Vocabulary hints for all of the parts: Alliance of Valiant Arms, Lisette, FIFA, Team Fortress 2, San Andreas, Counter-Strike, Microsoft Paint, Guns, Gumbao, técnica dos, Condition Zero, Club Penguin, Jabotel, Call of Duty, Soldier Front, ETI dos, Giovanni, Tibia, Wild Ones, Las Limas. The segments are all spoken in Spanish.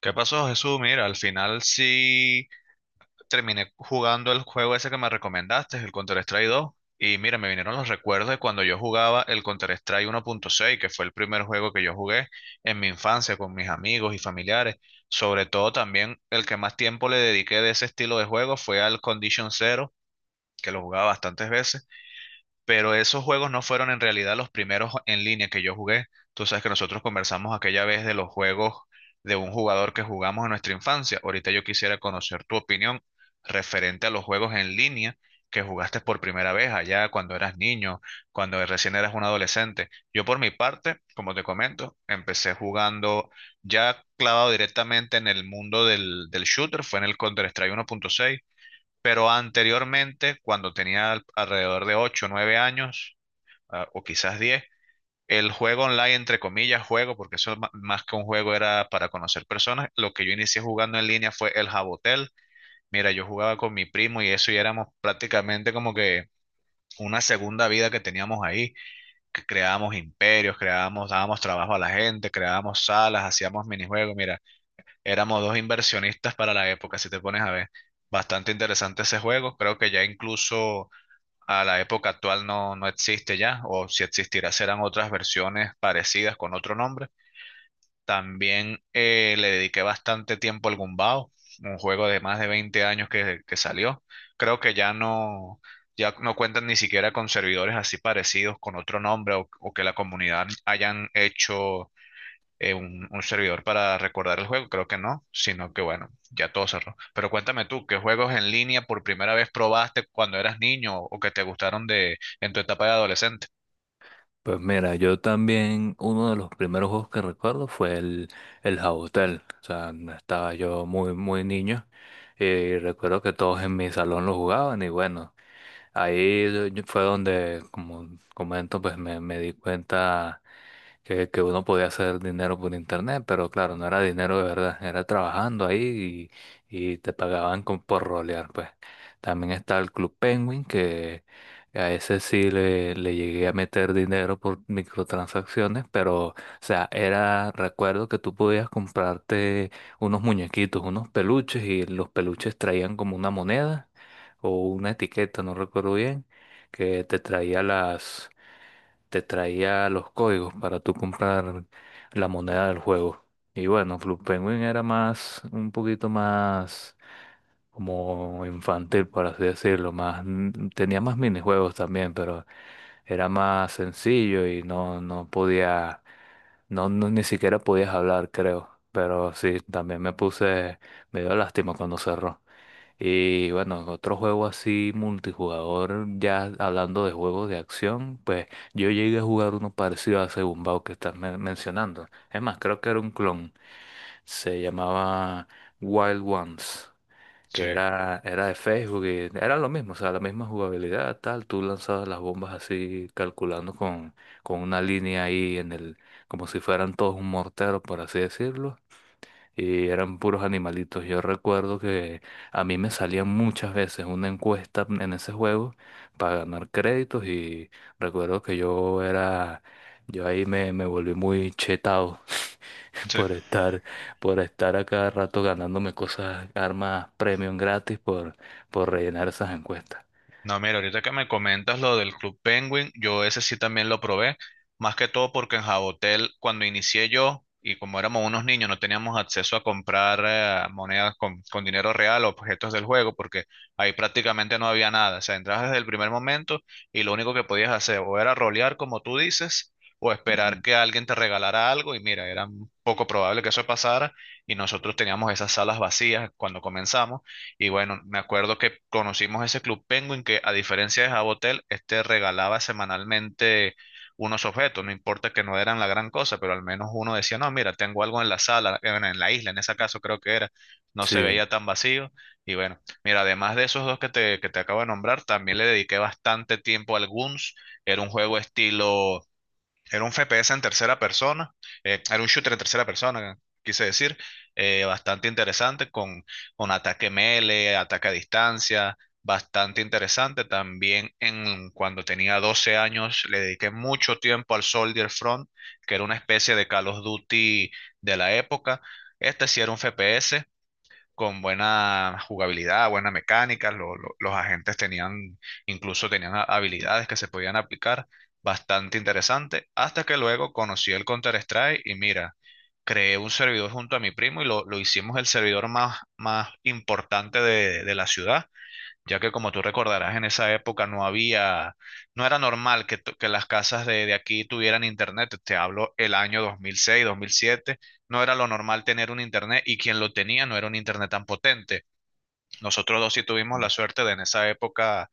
¿Qué pasó, Jesús? Mira, al final sí terminé jugando el juego ese que me recomendaste, el Counter-Strike 2. Y mira, me vinieron los recuerdos de cuando yo jugaba el Counter-Strike 1.6, que fue el primer juego que yo jugué en mi infancia con mis amigos y familiares. Sobre todo también el que más tiempo le dediqué de ese estilo de juego fue al Condition Zero, que lo jugaba bastantes veces pero esos juegos no fueron en realidad los primeros en línea que yo jugué. Tú sabes que nosotros conversamos aquella vez de los juegos de un jugador que jugamos en nuestra infancia. Ahorita yo quisiera conocer tu opinión referente a los juegos en línea que jugaste por primera vez allá cuando eras niño, cuando recién eras un adolescente. Yo por mi parte, como te comento, empecé jugando ya clavado directamente en el mundo del shooter, fue en el Counter-Strike 1.6 pero anteriormente, cuando tenía alrededor de 8 9 años, o quizás 10. El juego online, entre comillas, juego, porque eso más que un juego era para conocer personas, lo que yo inicié jugando en línea fue el Jabotel. Mira, yo jugaba con mi primo y eso y éramos prácticamente como que una segunda vida que teníamos ahí, que creábamos imperios, creábamos, dábamos trabajo a la gente, creábamos salas, hacíamos minijuegos. Mira, éramos dos inversionistas para la época, si te pones a ver. Bastante interesante ese juego. Creo que ya incluso a la época actual no, no existe ya, o si existirá serán otras versiones parecidas con otro nombre. También le dediqué bastante tiempo al Gumbao, un juego de más de 20 años que salió. Creo que ya no, ya no cuentan ni siquiera con servidores así parecidos con otro nombre o que la comunidad hayan hecho un servidor para recordar el juego, creo que no, sino que bueno, ya todo cerró. Pero cuéntame tú, ¿qué juegos en línea por primera vez probaste cuando eras niño o que te gustaron de en tu etapa de adolescente? Pues mira, yo también, uno de los primeros juegos que recuerdo fue el Jabotel. O sea, no estaba yo muy, muy niño y recuerdo que todos en mi salón lo jugaban y bueno, fue donde, como comento, pues me di cuenta que uno podía hacer dinero por internet, pero claro, no era dinero de verdad, era trabajando ahí y te pagaban con, por rolear, pues. También está el Club Penguin, que a ese sí le llegué a meter dinero por microtransacciones, pero, o sea, era, recuerdo que tú podías comprarte unos muñequitos, unos peluches, y los peluches traían como una moneda o una etiqueta, no recuerdo bien, que te traía las, te traía los códigos para tú comprar la moneda del juego. Y bueno, Club Penguin era más, un poquito más como infantil, por así decirlo, más, tenía más minijuegos también, pero era más sencillo y no, no podía, ni siquiera podías hablar, creo. Pero sí, también me puse, me dio lástima cuando cerró. Y bueno, otro juego así multijugador, ya hablando de juegos de acción, pues yo llegué a jugar uno parecido a ese Gumbao que estás mencionando. Es más, creo que era un clon. Se llamaba Wild Ones, Sí, que era de Facebook y era lo mismo, o sea, la misma jugabilidad, tal. Tú lanzabas las bombas así, calculando con una línea ahí en el, como si fueran todos un mortero, por así decirlo, y eran puros animalitos. Yo recuerdo que a mí me salían muchas veces una encuesta en ese juego para ganar créditos y recuerdo que yo era, yo ahí me volví muy chetado sí. por estar, por estar a cada rato ganándome cosas, armas premium gratis por rellenar esas encuestas. No, mira, ahorita que me comentas lo del Club Penguin, yo ese sí también lo probé, más que todo porque en Jabotel, cuando inicié yo, y como éramos unos niños, no teníamos acceso a comprar monedas con dinero real o objetos del juego, porque ahí prácticamente no había nada. O sea, entrabas desde el primer momento y lo único que podías hacer o era rolear, como tú dices, o esperar Ujú. que alguien te regalara algo, y mira, era un poco probable que eso pasara, y nosotros teníamos esas salas vacías cuando comenzamos. Y bueno, me acuerdo que conocimos ese Club Penguin que a diferencia de Jabotel, este regalaba semanalmente unos objetos, no importa que no eran la gran cosa, pero al menos uno decía, no, mira, tengo algo en la sala, en la isla, en ese caso creo que era, no se Sí. veía tan vacío. Y bueno, mira, además de esos dos que te acabo de nombrar, también le dediqué bastante tiempo al Guns, era un juego estilo era un FPS en tercera persona, era un shooter en tercera persona, quise decir, bastante interesante con ataque melee, ataque a distancia, bastante interesante. También en, cuando tenía 12 años le dediqué mucho tiempo al Soldier Front, que era una especie de Call of Duty de la época. Este sí era un FPS, con buena jugabilidad, buena mecánica, los agentes tenían, incluso tenían habilidades que se podían aplicar, bastante interesante, hasta que luego conocí el Counter-Strike y mira, creé un servidor junto a mi primo y lo hicimos el servidor más, más importante de la ciudad ya que como tú recordarás, en esa época no había, no era normal que, que las casas de aquí tuvieran internet. Te hablo el año 2006 2007 no era lo normal tener un internet y quien lo tenía no era un internet tan potente. Nosotros dos sí tuvimos la suerte de en esa época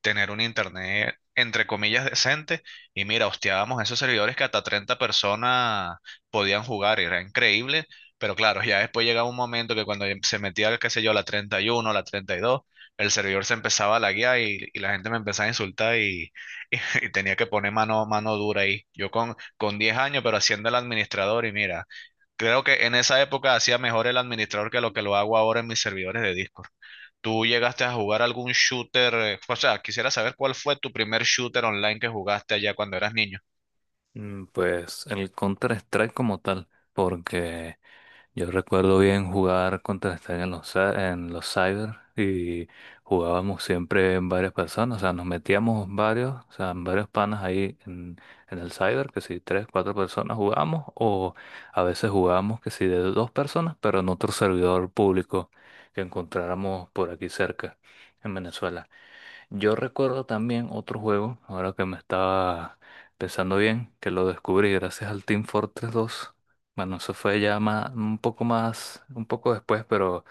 tener un internet, entre comillas, decente. Y mira, hosteábamos esos servidores que hasta 30 personas podían jugar, era increíble. Pero claro, ya después llegaba un momento que cuando se metía, qué sé yo, la 31 la 32, el servidor se empezaba a laguear y la gente me empezaba a insultar y- y tenía que poner mano, mano dura ahí. Yo con 10 años, pero haciendo el administrador y mira, creo que en esa época hacía mejor el administrador que lo hago ahora en mis servidores de disco. ¿Tú llegaste a jugar algún shooter? O sea, quisiera saber cuál fue tu primer shooter online que jugaste allá cuando eras niño. Pues el Counter-Strike como tal, porque yo recuerdo bien jugar Counter-Strike en en los cyber y jugábamos siempre en varias personas, o sea, nos metíamos varios, o sea, en varios panas ahí en el cyber, que si tres, cuatro personas jugábamos, o a veces jugábamos que si de dos personas, pero en otro servidor público que encontráramos por aquí cerca, en Venezuela. Yo recuerdo también otro juego, ahora que me estaba pensando bien, que lo descubrí gracias al Team Fortress 2. Bueno, eso fue ya más, un poco después, pero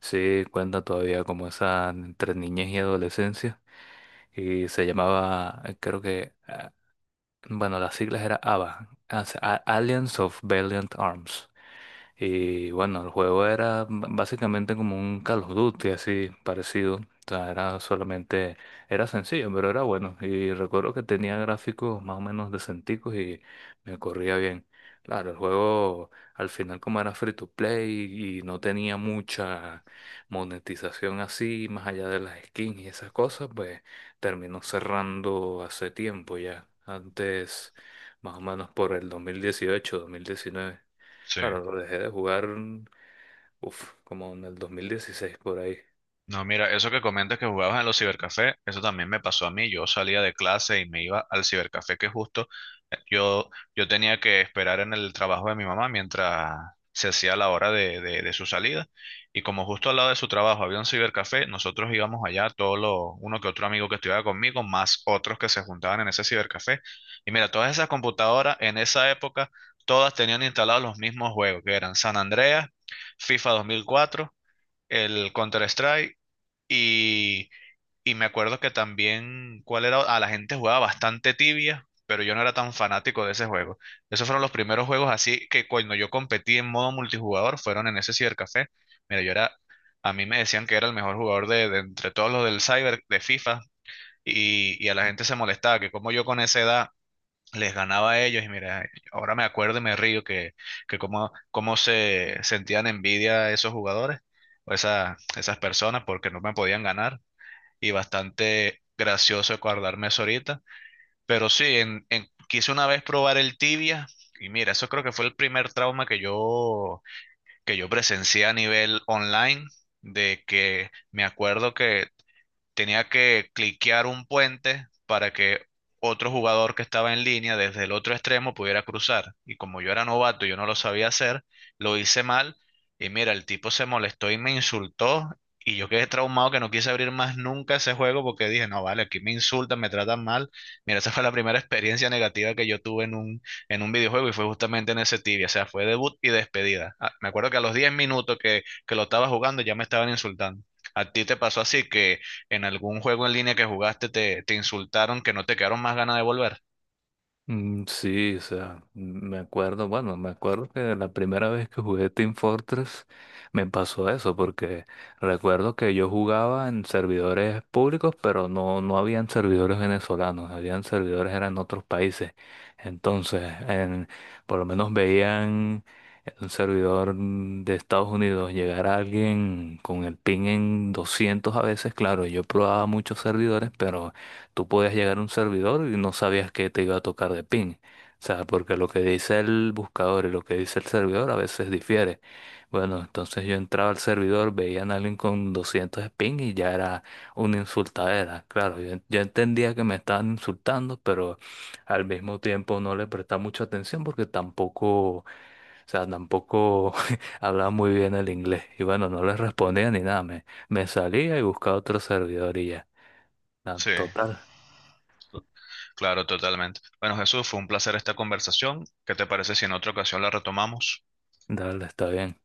sí cuenta todavía como esa entre niñez y adolescencia. Y se llamaba, creo que, bueno, las siglas era ABBA, Alliance of Valiant Arms. Y bueno, el juego era básicamente como un Call of Duty así parecido. O sea, era solamente, era sencillo, pero era bueno. Y recuerdo que tenía gráficos más o menos decenticos y me corría bien. Claro, el juego al final como era free to play y no tenía mucha monetización así, más allá de las skins y esas cosas, pues terminó cerrando hace tiempo ya. Antes, más o menos por el 2018, 2019. Sí. Claro, lo dejé de jugar, uf, como en el 2016 por ahí. No, mira, eso que comentas que jugabas en los cibercafés, eso también me pasó a mí. Yo salía de clase y me iba al cibercafé que justo eh, yo, yo tenía que esperar en el trabajo de mi mamá mientras se hacía la hora de, de su salida. Y como justo al lado de su trabajo había un cibercafé, nosotros íbamos allá, todos los, uno que otro amigo que estudiaba conmigo, más otros que se juntaban en ese cibercafé. Y mira, todas esas computadoras en esa época, todas tenían instalados los mismos juegos, que eran San Andreas, FIFA 2004, el Counter-Strike y, y me acuerdo que también, ¿cuál era? Ah, la gente jugaba bastante tibia, pero yo no era tan fanático de ese juego. Esos fueron los primeros juegos así que cuando yo competí en modo multijugador fueron en ese cibercafé. Mira, yo era, a mí me decían que era el mejor jugador de entre todos los del cyber de FIFA y a la gente se molestaba que como yo con esa edad les ganaba a ellos y mira, ahora me acuerdo y me río que cómo, cómo se sentían envidia esos jugadores o esas personas porque no me podían ganar y bastante gracioso acordarme eso ahorita. Pero sí, en, quise una vez probar el tibia y mira, eso creo que fue el primer trauma que yo presencié a nivel online, de que me acuerdo que tenía que cliquear un puente para que otro jugador que estaba en línea desde el otro extremo pudiera cruzar. Y como yo era novato, yo no lo sabía hacer, lo hice mal. Y mira, el tipo se molestó y me insultó. Y yo quedé traumado que no quise abrir más nunca ese juego porque dije, no, vale, aquí me insultan, me tratan mal. Mira, esa fue la primera experiencia negativa que yo tuve en un videojuego y fue justamente en ese Tibia. O sea, fue debut y despedida. Ah, me acuerdo que a los 10 minutos que lo estaba jugando ya me estaban insultando. ¿A ti te pasó así que en algún juego en línea que jugaste te, te insultaron que no te quedaron más ganas de volver? Sí, o sea, me acuerdo, bueno, me acuerdo que la primera vez que jugué Team Fortress me pasó eso, porque recuerdo que yo jugaba en servidores públicos, pero no, no habían servidores venezolanos, habían servidores eran en otros países. Entonces, en- por lo menos veían un servidor de Estados Unidos llegar a alguien con el ping en 200 a veces, claro, yo probaba muchos servidores, pero tú podías llegar a un servidor y no sabías que te iba a tocar de ping. O sea, porque lo que dice el buscador y lo que dice el servidor a veces difiere. Bueno, entonces yo entraba al servidor, veían a alguien con 200 de ping y ya era una insultadera. Claro, yo entendía que me estaban insultando, pero al mismo tiempo no le prestaba mucha atención porque tampoco, o sea, tampoco hablaba muy bien el inglés. Y bueno, no les respondía ni nada, me salía y buscaba otro servidor y ya. Ah, Sí, total. to- claro, totalmente. Bueno, Jesús, fue un placer esta conversación. ¿Qué te parece si en otra ocasión la retomamos? Dale, está bien.